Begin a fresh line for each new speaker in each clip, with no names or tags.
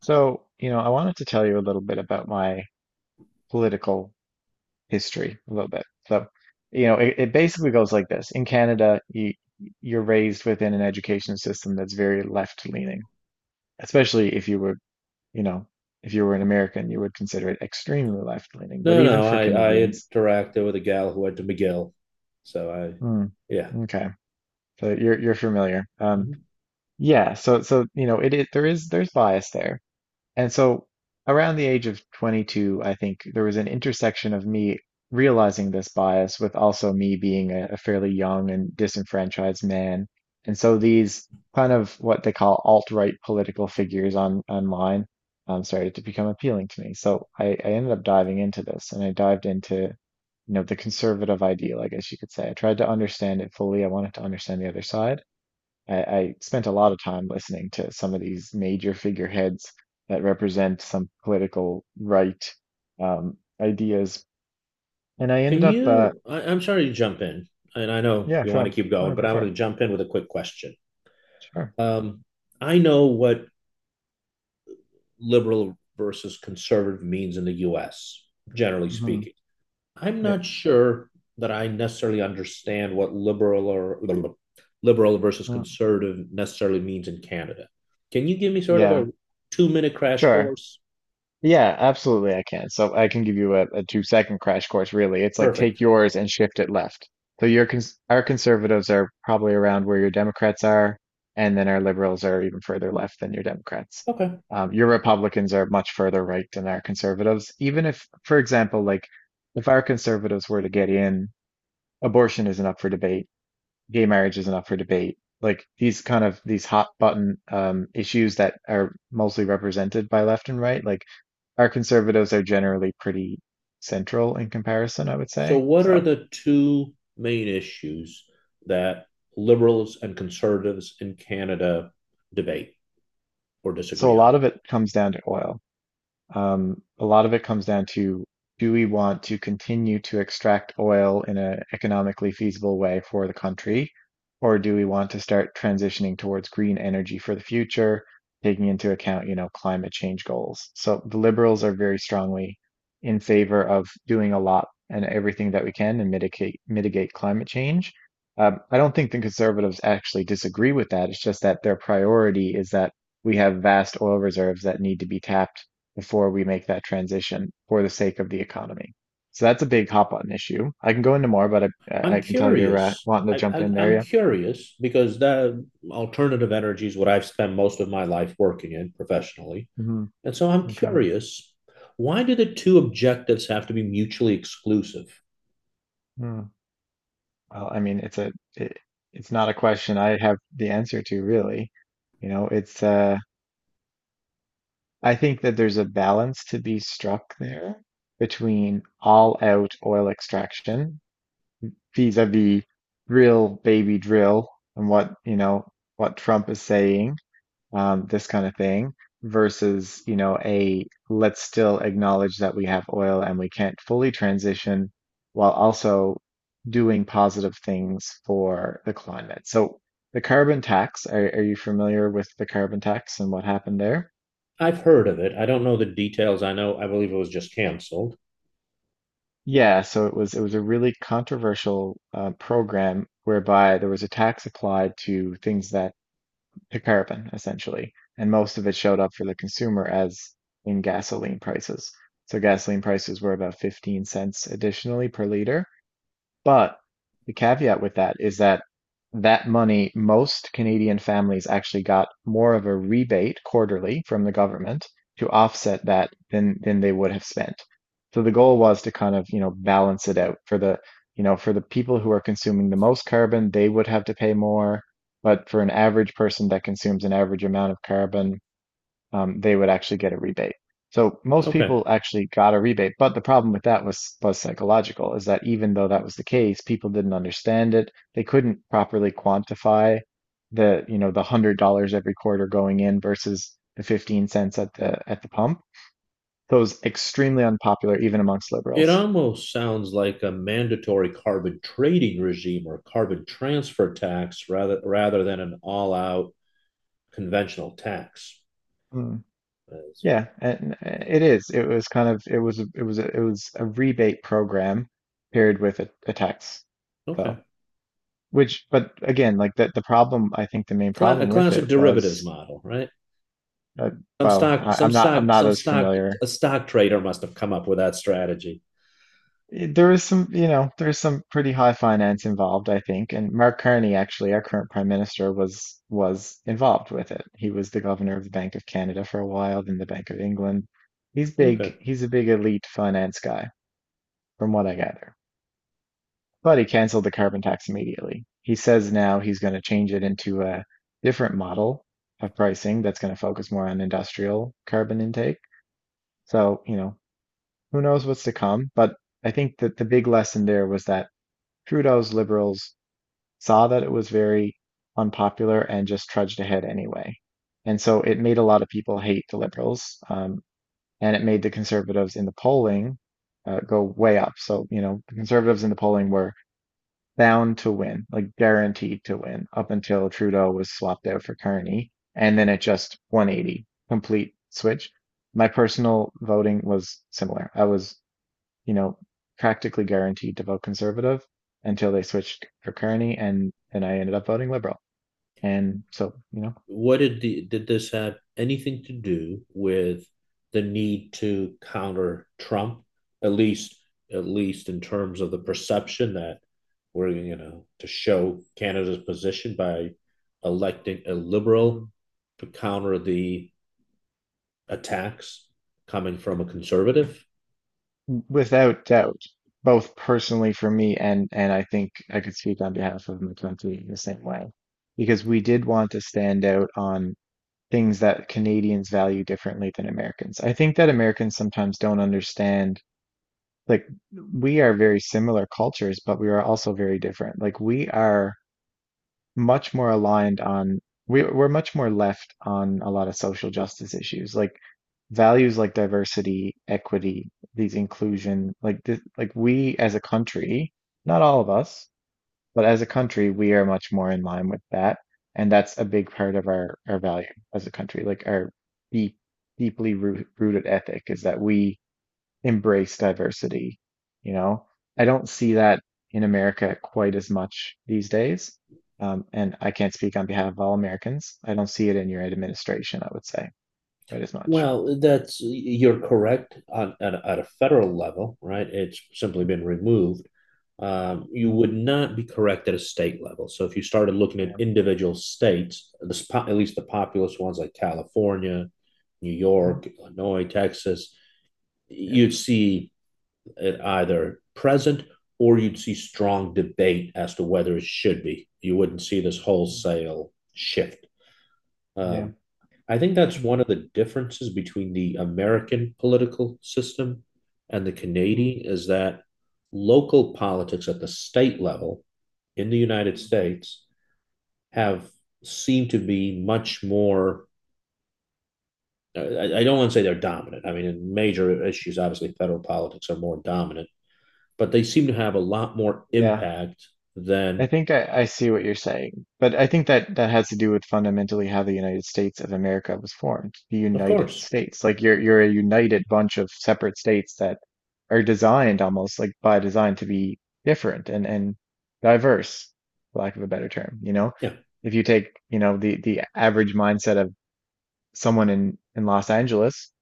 I wanted to tell you a little bit about my political history, a little bit. It basically goes like this. In Canada, you're raised within an education system that's very left-leaning, especially if you were, you know, if you were an American, you would consider it extremely left-leaning. But
No, no,
even
no.
for
I
Canadians,
interacted with a gal who went to McGill, so I,
hmm,
yeah.
okay, so you're familiar.
Mhm.
Yeah, so so you know, it there is there's bias there. And so around the age of 22, I think there was an intersection of me realizing this bias with also me being a fairly young and disenfranchised man. And so these kind of what they call alt-right political figures on online started to become appealing to me. So I ended up diving into this and I dived into, the conservative ideal, I guess you could say. I tried to understand it fully. I wanted to understand the other side. I spent a lot of time listening to some of these major figureheads that represent some political right ideas, and I ended
Can
up,
you? I'm sorry to jump in, and I know
yeah,
you want to
sure,
keep going,
no,
but
go
I
for
want
it,
to jump in with a quick question.
sure,
Um, I know what liberal versus conservative means in the U.S. generally
hmm,
speaking. I'm not
yep,
sure that I necessarily understand what liberal or liberal versus
mm,
conservative necessarily means in Canada. Can you give me sort of a
yeah,
two-minute crash
sure.
course?
Yeah, absolutely I can. So I can give you a 2 second crash course really. It's like take
Perfect.
yours and shift it left. So your cons our conservatives are probably around where your Democrats are, and then our liberals are even further left than your Democrats.
Okay.
Your Republicans are much further right than our conservatives. Even if, for example, like if our conservatives were to get in, abortion isn't up for debate, gay marriage isn't up for debate. Like these kind of these hot button issues that are mostly represented by left and right, like our conservatives are generally pretty central in comparison, I would
So,
say.
what are
So,
the two main issues that liberals and conservatives in Canada debate or
so a
disagree on?
lot of it comes down to oil. A lot of it comes down to, do we want to continue to extract oil in an economically feasible way for the country, or do we want to start transitioning towards green energy for the future, taking into account, climate change goals? So the liberals are very strongly in favor of doing a lot and everything that we can and mitigate climate change. I don't think the conservatives actually disagree with that. It's just that their priority is that we have vast oil reserves that need to be tapped before we make that transition for the sake of the economy. So that's a big hop on issue. I can go into more, but I I
I'm
I can tell you're
curious.
wanting to
I
jump in there.
am
Yeah,
curious because that alternative energy is what I've spent most of my life working in professionally.
hmm,
And so I'm
okay.
curious, why do the two objectives have to be mutually exclusive?
Hmm. Well, I mean, it's not a question I have the answer to really. You know, it's I think that there's a balance to be struck there between all out oil extraction vis-a-vis drill baby drill and what, what Trump is saying, this kind of thing versus, a, let's still acknowledge that we have oil and we can't fully transition while also doing positive things for the climate. So the carbon tax, are you familiar with the carbon tax and what happened there?
I've heard of it. I don't know the details. I know, I believe it was just canceled.
Yeah, so it was a really controversial program whereby there was a tax applied to things that to carbon essentially, and most of it showed up for the consumer as in gasoline prices. So gasoline prices were about 15 cents additionally per liter. But the caveat with that is that that money, most Canadian families actually got more of a rebate quarterly from the government to offset that than they would have spent. So the goal was to kind of, balance it out for the for the people who are consuming the most carbon, they would have to pay more, but for an average person that consumes an average amount of carbon, they would actually get a rebate. So most
Okay.
people actually got a rebate, but the problem with that was psychological, is that even though that was the case, people didn't understand it. They couldn't properly quantify the, the $100 every quarter going in versus the 15 cents at the pump. So it was extremely unpopular even amongst
It
liberals.
almost sounds like a mandatory carbon trading regime or carbon transfer tax rather than an all-out conventional tax.
Mm.
As,
Yeah, and it is. It was kind of it was a rebate program paired with a tax.
okay.
So, which, but again, like the problem, I think the main
A
problem with it
classic derivatives
was,
model, right?
uh,
Some
well,
stock, some
I'm
stock,
not
some
as
stock.
familiar.
A stock trader must have come up with that strategy.
Eh, there is some, there's some pretty high finance involved, I think. And Mark Carney, actually, our current prime minister, was involved with it. He was the governor of the Bank of Canada for a while, then the Bank of England. He's
Okay.
big. He's a big elite finance guy, from what I gather. But he canceled the carbon tax immediately. He says now he's going to change it into a different model of pricing that's going to focus more on industrial carbon intake. So, who knows what's to come. But I think that the big lesson there was that Trudeau's liberals saw that it was very unpopular and just trudged ahead anyway. And so it made a lot of people hate the liberals. And it made the conservatives in the polling go way up. So, the conservatives in the polling were bound to win, like guaranteed to win, up until Trudeau was swapped out for Carney, and then it just 180 complete switch. My personal voting was similar. I was, you know, practically guaranteed to vote conservative until they switched for Carney, and then I ended up voting liberal. And so, you know,
What did the, did this have anything to do with the need to counter Trump, at least at least in terms of the perception that we're, you know, to show Canada's position by electing a liberal
mm,
to counter the attacks coming from a conservative?
without doubt, both personally for me and I think I could speak on behalf of my country in the same way, because we did want to stand out on things that Canadians value differently than Americans. I think that Americans sometimes don't understand, like, we are very similar cultures, but we are also very different. Like, we are much more aligned on, we're much more left on a lot of social justice issues, like values like diversity, equity, these inclusion, like, this, like we as a country, not all of us, but as a country, we are much more in line with that. And that's a big part of our value as a country, like our deep, rooted ethic is that we embrace diversity. You know, I don't see that in America quite as much these days. And I can't speak on behalf of all Americans. I don't see it in your administration, I would say, quite as much.
Well, that's, you're correct on at, at a federal level, right? It's simply been removed. You
Mm-hmm.
would not be correct at a state level. So if you started looking at
Yeah.
individual states, the, at least the populous ones like California, New
Mm-hmm.
York, Illinois, Texas,
Yep.
you'd see it either present or you'd see strong debate as to whether it should be. You wouldn't see this
Mm.
wholesale shift.
Yeah.
Um, I think that's one of the differences between the American political system and the
Mm-hmm.
Canadian is that local politics at the state level in the United States have seemed to be much more. I don't want to say they're dominant. I mean, in major issues, obviously, federal politics are more dominant, but they seem to have a lot more
Yeah.
impact
I
than,
think I see what you're saying, but I think that that has to do with fundamentally how the United States of America was formed, the
of
United
course,
States. Like you're a united bunch of separate states that are designed almost like by design to be different and diverse, for lack of a better term, you know?
yeah,
If you take, the average mindset of someone in Los Angeles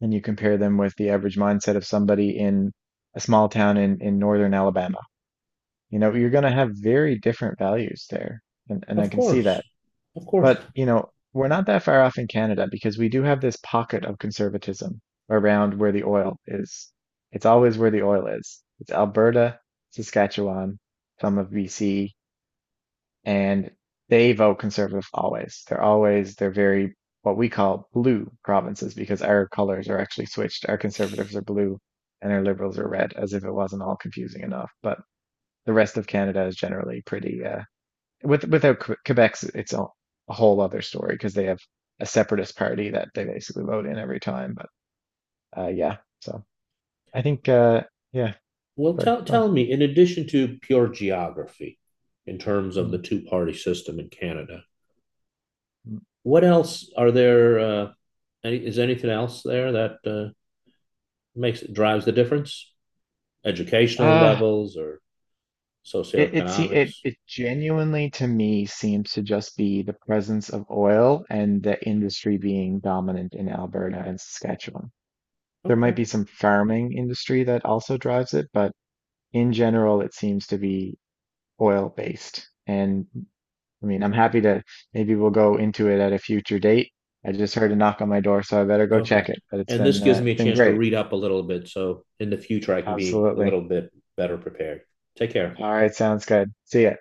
and you compare them with the average mindset of somebody in a small town in northern Alabama, you know, you're going to have very different values there. And I
of
can see
course,
that.
of course.
But, we're not that far off in Canada because we do have this pocket of conservatism around where the oil is. It's always where the oil is. It's Alberta, Saskatchewan, some of BC, and they vote conservative always. They're very what we call blue provinces because our colors are actually switched. Our conservatives are blue and our liberals are red, as if it wasn't all confusing enough. But the rest of Canada is generally pretty without Quebec's a whole other story because they have a separatist party that they basically vote in every time. But yeah, so I think yeah,
Well,
sorry,
tell
go on.
tell me, in addition to pure geography, in terms of the
Mm,
two-party system in Canada,
mm.
what else are there? Any, is anything else there that makes it drives the difference? Educational
Uh,
levels or
it it, se
socioeconomics?
it it genuinely to me seems to just be the presence of oil and the industry being dominant in Alberta and Saskatchewan. There might
Okay,
be some farming industry that also drives it, but in general, it seems to be oil based. And I mean, I'm happy to, maybe we'll go into it at a future date. I just heard a knock on my door, so I better go
okay.
check it. But
And this gives me
it's
a
been
chance to
great.
read up a little bit, so in the future I can be a
Absolutely.
little bit better prepared. Take care.
All right, sounds good. See ya.